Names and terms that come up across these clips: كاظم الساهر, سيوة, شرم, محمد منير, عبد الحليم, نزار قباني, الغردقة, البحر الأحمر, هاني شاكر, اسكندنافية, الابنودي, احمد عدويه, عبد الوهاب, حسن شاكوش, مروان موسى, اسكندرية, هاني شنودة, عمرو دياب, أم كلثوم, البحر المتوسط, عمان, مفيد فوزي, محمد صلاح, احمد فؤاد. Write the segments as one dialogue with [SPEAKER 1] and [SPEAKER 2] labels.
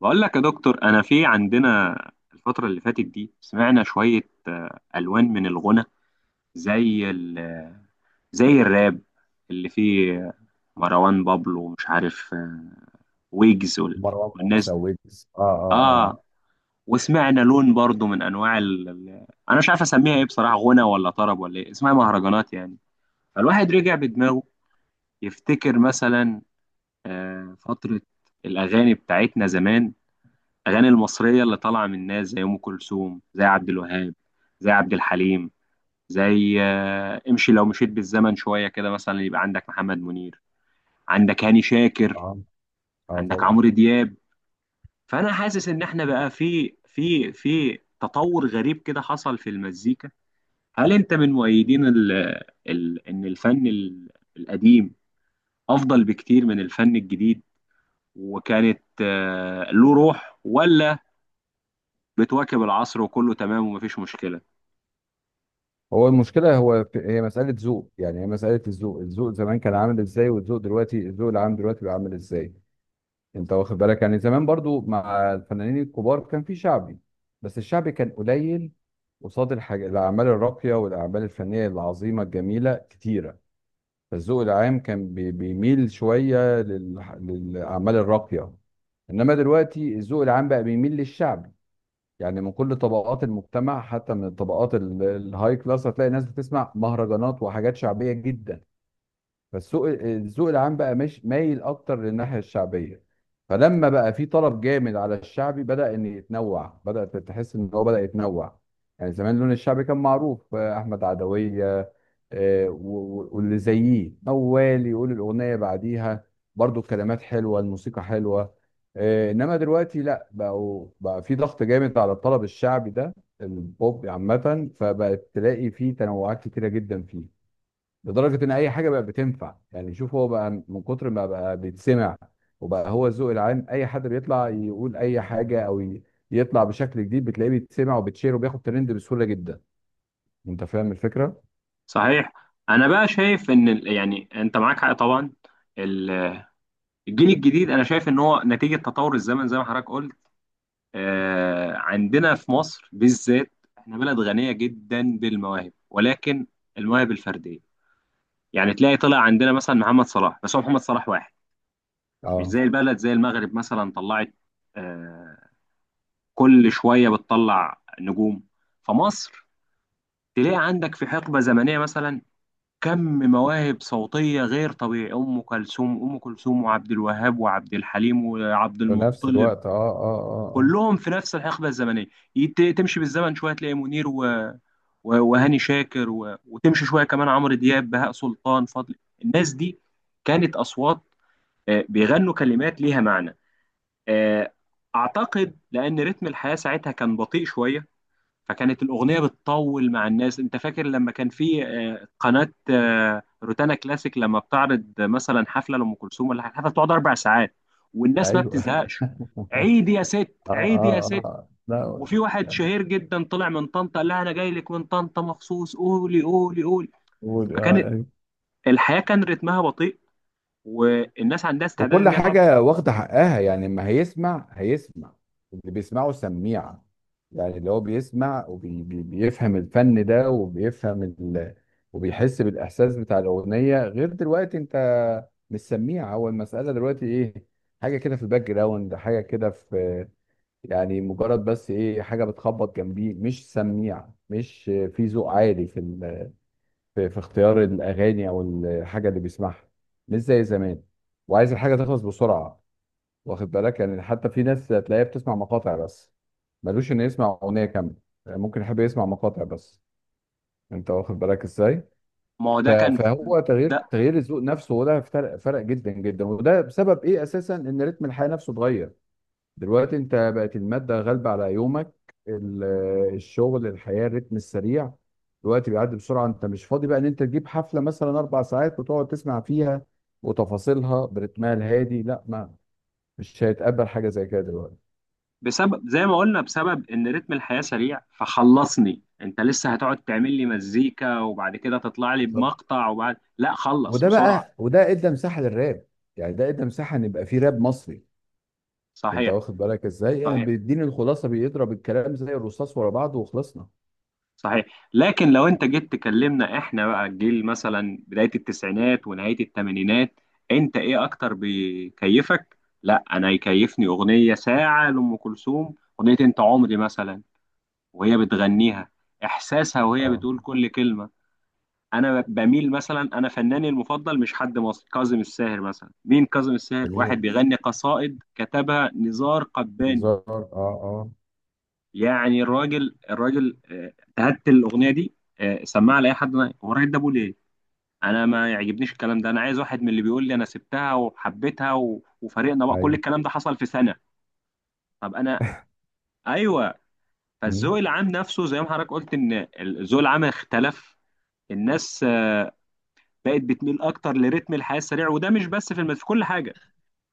[SPEAKER 1] بقول لك يا دكتور، انا في عندنا الفترة اللي فاتت دي سمعنا شوية ألوان من الغنى، زي ال آه، زي الراب اللي فيه مروان بابلو ومش عارف، ويجز
[SPEAKER 2] مروان
[SPEAKER 1] والناس
[SPEAKER 2] موسى
[SPEAKER 1] دي.
[SPEAKER 2] ويجز. اه
[SPEAKER 1] اه، وسمعنا لون برضو من انواع انا مش عارف اسميها ايه بصراحة، غنى ولا طرب ولا ايه اسمها، مهرجانات يعني. فالواحد رجع بدماغه يفتكر مثلا فترة الأغاني بتاعتنا زمان، الاغاني المصريه اللي طالعه من الناس زي ام كلثوم، زي عبد الوهاب، زي عبد الحليم، زي امشي لو مشيت بالزمن شويه كده مثلا يبقى عندك محمد منير، عندك هاني
[SPEAKER 2] اه
[SPEAKER 1] شاكر،
[SPEAKER 2] اه اه
[SPEAKER 1] عندك
[SPEAKER 2] طبعا
[SPEAKER 1] عمرو دياب. فانا حاسس ان احنا بقى في تطور غريب كده حصل في المزيكا. هل انت من مؤيدين ال ان القديم افضل بكتير من الفن الجديد، وكانت له روح، ولا بتواكب العصر وكله تمام ومفيش مشكله؟
[SPEAKER 2] هو المشكله، هو في، هي مساله ذوق، يعني هي مساله الذوق. الذوق زمان كان عامل ازاي، والذوق دلوقتي، الذوق العام دلوقتي بقى عامل ازاي؟ انت واخد بالك؟ يعني زمان برضو مع الفنانين الكبار كان في شعبي، بس الشعبي كان قليل قصاد الحاجة، الأعمال الراقية والأعمال الفنية العظيمة الجميلة كتيرة. فالذوق العام كان بيميل شوية للأعمال الراقية. إنما دلوقتي الذوق العام بقى بيميل للشعبي. يعني من كل طبقات المجتمع، حتى من الطبقات الهاي كلاس هتلاقي ناس بتسمع مهرجانات وحاجات شعبية جدا. فالسوق، الذوق العام بقى مش مايل اكتر للناحيه الشعبيه. فلما بقى في طلب جامد على الشعبي، بدا ان يتنوع، بدا تحس ان هو بدا يتنوع. يعني زمان لون الشعبي كان معروف، احمد عدويه واللي زيه، موال يقول الاغنيه بعديها، برضو الكلمات حلوه الموسيقى حلوه. انما دلوقتي لا، بقوا بقى في ضغط جامد على الطلب الشعبي ده. البوب عامه، فبقت تلاقي فيه تنوعات كتيره جدا فيه، لدرجه ان اي حاجه بقى بتنفع. يعني شوف، هو بقى من كتر ما بقى بيتسمع وبقى هو الذوق العام، اي حد بيطلع يقول اي حاجه او يطلع بشكل جديد بتلاقيه بيتسمع وبيتشير وبياخد ترند بسهوله جدا. انت فاهم الفكره؟
[SPEAKER 1] صحيح. انا بقى شايف ان يعني انت معاك حق طبعا. ال- الجيل الجديد انا شايف ان هو نتيجه تطور الزمن زي ما حضرتك قلت. عندنا في مصر بالذات احنا بلد غنيه جدا بالمواهب، ولكن المواهب الفرديه. يعني تلاقي طلع عندنا مثلا محمد صلاح، بس هو محمد صلاح واحد. مش
[SPEAKER 2] اه،
[SPEAKER 1] زي البلد زي المغرب مثلا، طلعت آه، كل شويه بتطلع نجوم. فمصر تلاقي عندك في حقبه زمنيه مثلا كم مواهب صوتية غير طبيعي، أم كلثوم وعبد الوهاب وعبد الحليم وعبد
[SPEAKER 2] في نفس
[SPEAKER 1] المطلب
[SPEAKER 2] الوقت. اه
[SPEAKER 1] كلهم في نفس الحقبة الزمنية. تمشي بالزمن شوية تلاقي منير وهاني شاكر وتمشي شوية كمان عمرو دياب، بهاء سلطان، فضل. الناس دي كانت أصوات بيغنوا كلمات ليها معنى. آه، أعتقد لأن رتم الحياة ساعتها كان بطيء شوية، فكانت الأغنية بتطول مع الناس. أنت فاكر لما كان في قناة روتانا كلاسيك، لما بتعرض مثلا حفلة لأم كلثوم ولا حاجة، الحفلة بتقعد أربع ساعات
[SPEAKER 2] اه
[SPEAKER 1] والناس ما
[SPEAKER 2] ايوه.
[SPEAKER 1] بتزهقش. عيد يا ست، عيد يا ست.
[SPEAKER 2] اه لا،
[SPEAKER 1] وفي واحد
[SPEAKER 2] يعني
[SPEAKER 1] شهير جدا طلع من طنطا قال لها أنا جاي لك من طنطا مخصوص، قولي قولي قولي.
[SPEAKER 2] قول
[SPEAKER 1] فكان
[SPEAKER 2] اه.
[SPEAKER 1] الحياة كان رتمها بطيء والناس عندها استعداد
[SPEAKER 2] وكل
[SPEAKER 1] إن هي تقعد.
[SPEAKER 2] حاجة واخدة حقها، يعني ما هيسمع، هيسمع اللي بيسمعه سميع. يعني اللي هو بيسمع وبيفهم الفن ده، وبيفهم وبيحس بالإحساس بتاع الأغنية. غير دلوقتي، أنت مش سميع. هو المسألة دلوقتي إيه؟ حاجة كده في الباك جراوند، حاجة كده في، يعني مجرد بس إيه، حاجة بتخبط جنبيه. مش سميع، مش في ذوق عالي في اختيار الأغاني أو الحاجة اللي بيسمعها. مش زي زمان. وعايز الحاجة تخلص بسرعة، واخد بالك؟ يعني حتى في ناس تلاقيها بتسمع مقاطع بس، ملوش انه يسمع اغنيه كامله. يعني ممكن يحب يسمع مقاطع بس. انت واخد بالك ازاي؟
[SPEAKER 1] ما هو ده كان.
[SPEAKER 2] فهو تغيير،
[SPEAKER 1] ده
[SPEAKER 2] تغيير الذوق نفسه. وده فرق، فرق جدا جدا. وده بسبب ايه اساسا؟ ان رتم الحياه نفسه اتغير. دلوقتي انت بقت الماده غالبه على يومك. ال- الشغل، الحياه، الرتم السريع، دلوقتي بيعدي بسرعه. انت مش فاضي بقى ان انت تجيب حفله مثلا 4 ساعات وتقعد تسمع فيها وتفاصيلها برتمها الهادي، لا، ما مش هيتقبل حاجه زي كده دلوقتي.
[SPEAKER 1] بسبب زي ما قلنا، بسبب ان رتم الحياة سريع، فخلصني انت لسه هتقعد تعمل لي مزيكا وبعد كده تطلع لي
[SPEAKER 2] بالظبط.
[SPEAKER 1] بمقطع وبعد لا خلص
[SPEAKER 2] وده
[SPEAKER 1] بسرعة.
[SPEAKER 2] بقى، وده ادى مساحه للراب، يعني ده ادى مساحه ان يبقى في راب مصري. انت
[SPEAKER 1] صحيح.
[SPEAKER 2] واخد بالك ازاي؟ يعني
[SPEAKER 1] صحيح.
[SPEAKER 2] بيديني الخلاصه، بيضرب الكلام زي الرصاص ورا بعضه وخلصنا.
[SPEAKER 1] صحيح، لكن لو انت جيت تكلمنا احنا بقى الجيل مثلا بداية التسعينات ونهاية الثمانينات، انت ايه اكتر بيكيفك؟ لا، انا يكيفني اغنية ساعة لأم كلثوم، اغنية انت عمري مثلا وهي بتغنيها، احساسها وهي
[SPEAKER 2] اه،
[SPEAKER 1] بتقول كل كلمة. انا بميل مثلا، انا فناني المفضل مش حد مصري، كاظم الساهر مثلا. مين كاظم الساهر؟ واحد
[SPEAKER 2] جميل.
[SPEAKER 1] بيغني قصائد كتبها نزار قباني.
[SPEAKER 2] بالظبط. اه
[SPEAKER 1] يعني الراجل، الراجل، تهت الاغنيه دي، سمعها لاي حد. هو الراجل ده ابوه ليه، انا ما يعجبنيش الكلام ده، انا عايز واحد من اللي بيقول لي انا سبتها وحبيتها وفريقنا بقى، كل
[SPEAKER 2] ايوه.
[SPEAKER 1] الكلام ده حصل في سنه. طب انا، ايوه.
[SPEAKER 2] مم.
[SPEAKER 1] فالذوق العام نفسه زي ما حضرتك قلت ان الذوق العام اختلف. الناس بقت بتميل اكتر لريتم الحياه السريع، وده مش بس في في كل حاجه،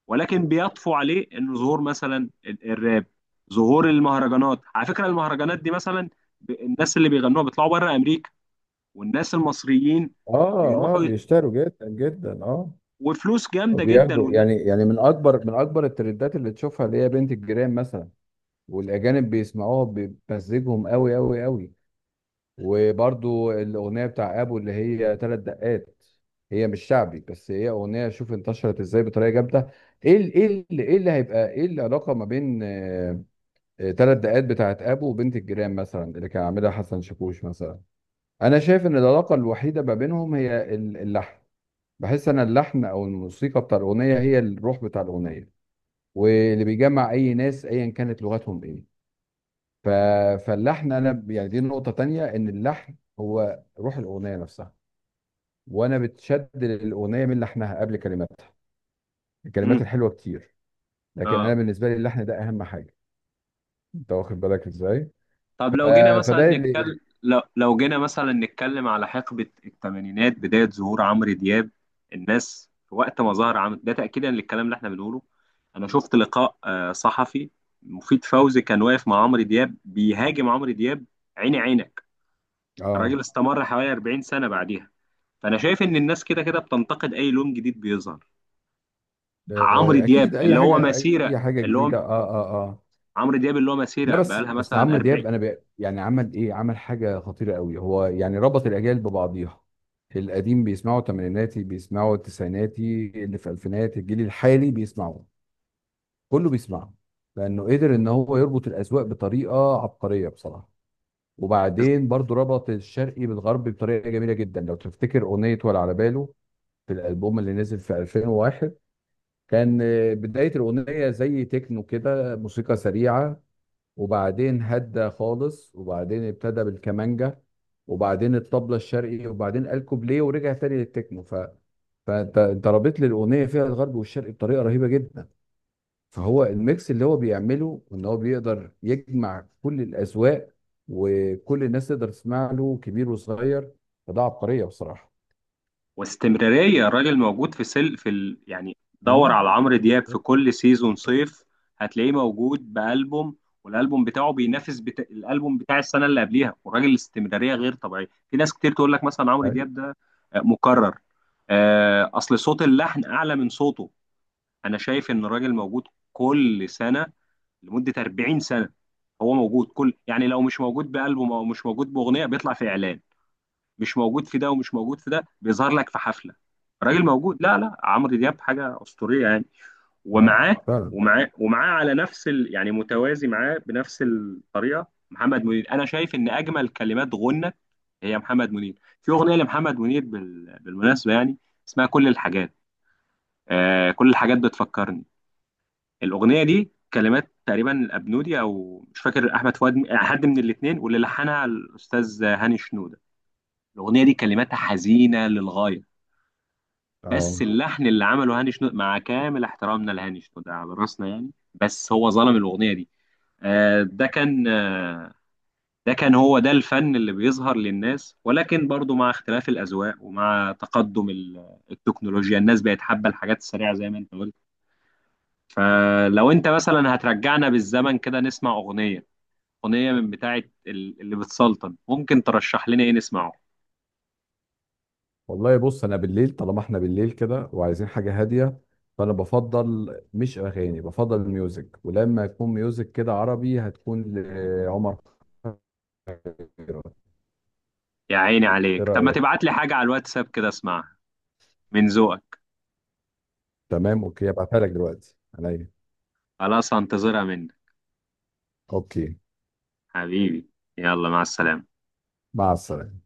[SPEAKER 1] ولكن بيطفو عليه انه ظهور مثلا الراب، ظهور المهرجانات. على فكره المهرجانات دي مثلا، الناس اللي بيغنوها بيطلعوا بره امريكا والناس المصريين
[SPEAKER 2] اه
[SPEAKER 1] بيروحوا ي-
[SPEAKER 2] بيشتروا جدا جدا، اه.
[SPEAKER 1] وفلوس جامده جدا
[SPEAKER 2] وبياخدوا، يعني يعني من اكبر، من اكبر الترندات اللي تشوفها، اللي هي بنت الجيران مثلا، والاجانب بيسمعوها بمزجهم قوي قوي قوي. وبرضو الأغنية بتاع أبو اللي هي تلات دقات، هي مش شعبي، بس هي أغنية، شوف انتشرت ازاي بطريقة جامدة. ايه ايه ايه اللي هيبقى ايه العلاقة ما بين تلات دقات بتاعت أبو وبنت الجيران مثلا اللي كان عاملها حسن شاكوش مثلا؟ أنا شايف إن العلاقة الوحيدة ما بينهم هي اللحن. بحس أن اللحن أو الموسيقى بتاع الأغنية هي الروح بتاع الأغنية، واللي بيجمع أي ناس أيا كانت لغتهم ايه. ف... فاللحن انا يعني دي نقطة تانية، ان اللحن هو روح الاغنية نفسها. وانا بتشد للاغنية من لحنها قبل كلماتها. الكلمات
[SPEAKER 1] مم.
[SPEAKER 2] الحلوة كتير، لكن
[SPEAKER 1] اه.
[SPEAKER 2] انا بالنسبة لي اللحن ده اهم حاجة. انت واخد بالك ازاي؟
[SPEAKER 1] طب
[SPEAKER 2] ف...
[SPEAKER 1] لو جينا مثلا
[SPEAKER 2] فده اللي،
[SPEAKER 1] نتكلم، لو جينا مثلا نتكلم على حقبة الثمانينات بداية ظهور عمرو دياب. الناس في وقت ما ظهر عمرو ده تأكيدا للكلام اللي احنا بنقوله. أنا شفت لقاء صحفي، مفيد فوزي كان واقف مع عمرو دياب بيهاجم عمرو دياب عيني عينك.
[SPEAKER 2] اه،
[SPEAKER 1] الراجل استمر حوالي 40 سنة بعديها. فأنا شايف إن الناس كده كده بتنتقد أي لون جديد بيظهر. عمرو دياب
[SPEAKER 2] اكيد اي
[SPEAKER 1] اللي هو
[SPEAKER 2] حاجة،
[SPEAKER 1] مسيرة
[SPEAKER 2] اي حاجة
[SPEAKER 1] اللي هو
[SPEAKER 2] جديدة. اه
[SPEAKER 1] عمرو دياب اللي هو
[SPEAKER 2] لا
[SPEAKER 1] مسيرة
[SPEAKER 2] بس،
[SPEAKER 1] بقالها
[SPEAKER 2] بس
[SPEAKER 1] مثلا
[SPEAKER 2] عمرو
[SPEAKER 1] 40.
[SPEAKER 2] دياب انا يعني عمل ايه؟ عمل حاجة خطيرة قوي. هو يعني ربط الاجيال ببعضيها، القديم بيسمعوا، تمانيناتي بيسمعوا، التسعيناتي، اللي في الفينات، الجيل الحالي بيسمعوا، كله بيسمعه. لانه قدر ان هو يربط الاذواق بطريقه عبقريه بصراحه. وبعدين برضو ربط الشرقي بالغربي بطريقه جميله جدا. لو تفتكر اغنيه ولا على باله في الالبوم اللي نزل في 2001، كان بدايه الاغنيه زي تكنو كده، موسيقى سريعه، وبعدين هدى خالص، وبعدين ابتدى بالكمانجا، وبعدين الطبلة الشرقي، وبعدين قال كوبليه ورجع تاني للتكنو. فانت، انت رابط لي الاغنيه فيها الغرب والشرق بطريقه رهيبه جدا. فهو الميكس اللي هو بيعمله، ان هو بيقدر يجمع كل الاذواق، وكل الناس تقدر تسمع له، كبير وصغير. فده عبقريه بصراحه.
[SPEAKER 1] واستمراريه الراجل موجود في سل في يعني دور
[SPEAKER 2] مم.
[SPEAKER 1] على عمرو دياب في كل سيزون صيف هتلاقيه موجود بألبوم، والألبوم بتاعه بينافس الألبوم بتاع السنة اللي قبليها. والراجل الاستمرارية غير طبيعية. في ناس كتير تقول لك مثلا عمرو
[SPEAKER 2] أي.
[SPEAKER 1] دياب ده مكرر، أصل صوت اللحن أعلى من صوته. أنا شايف إن الراجل موجود كل سنة لمدة 40 سنة. هو موجود كل، يعني لو مش موجود بألبوم أو مش موجود بأغنية بيطلع في إعلان، مش موجود في ده ومش موجود في ده بيظهر لك في حفله. راجل موجود، لا لا، عمرو دياب حاجه اسطوريه يعني.
[SPEAKER 2] اه،
[SPEAKER 1] ومعاه
[SPEAKER 2] فعلا.
[SPEAKER 1] ومعاه على نفس يعني متوازي معاه بنفس الطريقه محمد منير. انا شايف ان اجمل كلمات غنى هي محمد منير، في اغنيه لمحمد منير بالمناسبه يعني، اسمها كل الحاجات. آه، كل الحاجات بتفكرني، الاغنيه دي كلمات تقريبا الابنودي او مش فاكر احمد فؤاد، حد من الاثنين، واللي لحنها الاستاذ هاني شنوده. الاغنيه دي كلماتها حزينه للغايه، بس
[SPEAKER 2] اه،
[SPEAKER 1] اللحن اللي عمله هاني شنودة، مع كامل احترامنا لهاني شنودة على راسنا يعني، بس هو ظلم الأغنية دي. آه، ده كان آه، ده كان هو ده الفن اللي بيظهر للناس. ولكن برضو مع اختلاف الأذواق ومع تقدم التكنولوجيا، الناس بقت حابة الحاجات السريعة زي ما انت قلت. فلو انت مثلا هترجعنا بالزمن كده نسمع أغنية، أغنية من بتاعة اللي بتسلطن، ممكن ترشح لنا ايه نسمعه؟
[SPEAKER 2] والله بص انا بالليل، طالما احنا بالليل كده وعايزين حاجه هاديه، فانا بفضل مش اغاني، بفضل ميوزك، ولما يكون ميوزك كده عربي هتكون لعمر خيرت.
[SPEAKER 1] يا عيني
[SPEAKER 2] ايه
[SPEAKER 1] عليك. طب ما
[SPEAKER 2] رايك؟
[SPEAKER 1] تبعت لي حاجة على الواتساب كده اسمعها من ذوقك.
[SPEAKER 2] تمام، اوكي، هبعتها لك دلوقتي عليا.
[SPEAKER 1] خلاص هنتظرها منك
[SPEAKER 2] اوكي،
[SPEAKER 1] حبيبي. يلا مع السلامة.
[SPEAKER 2] مع السلامه.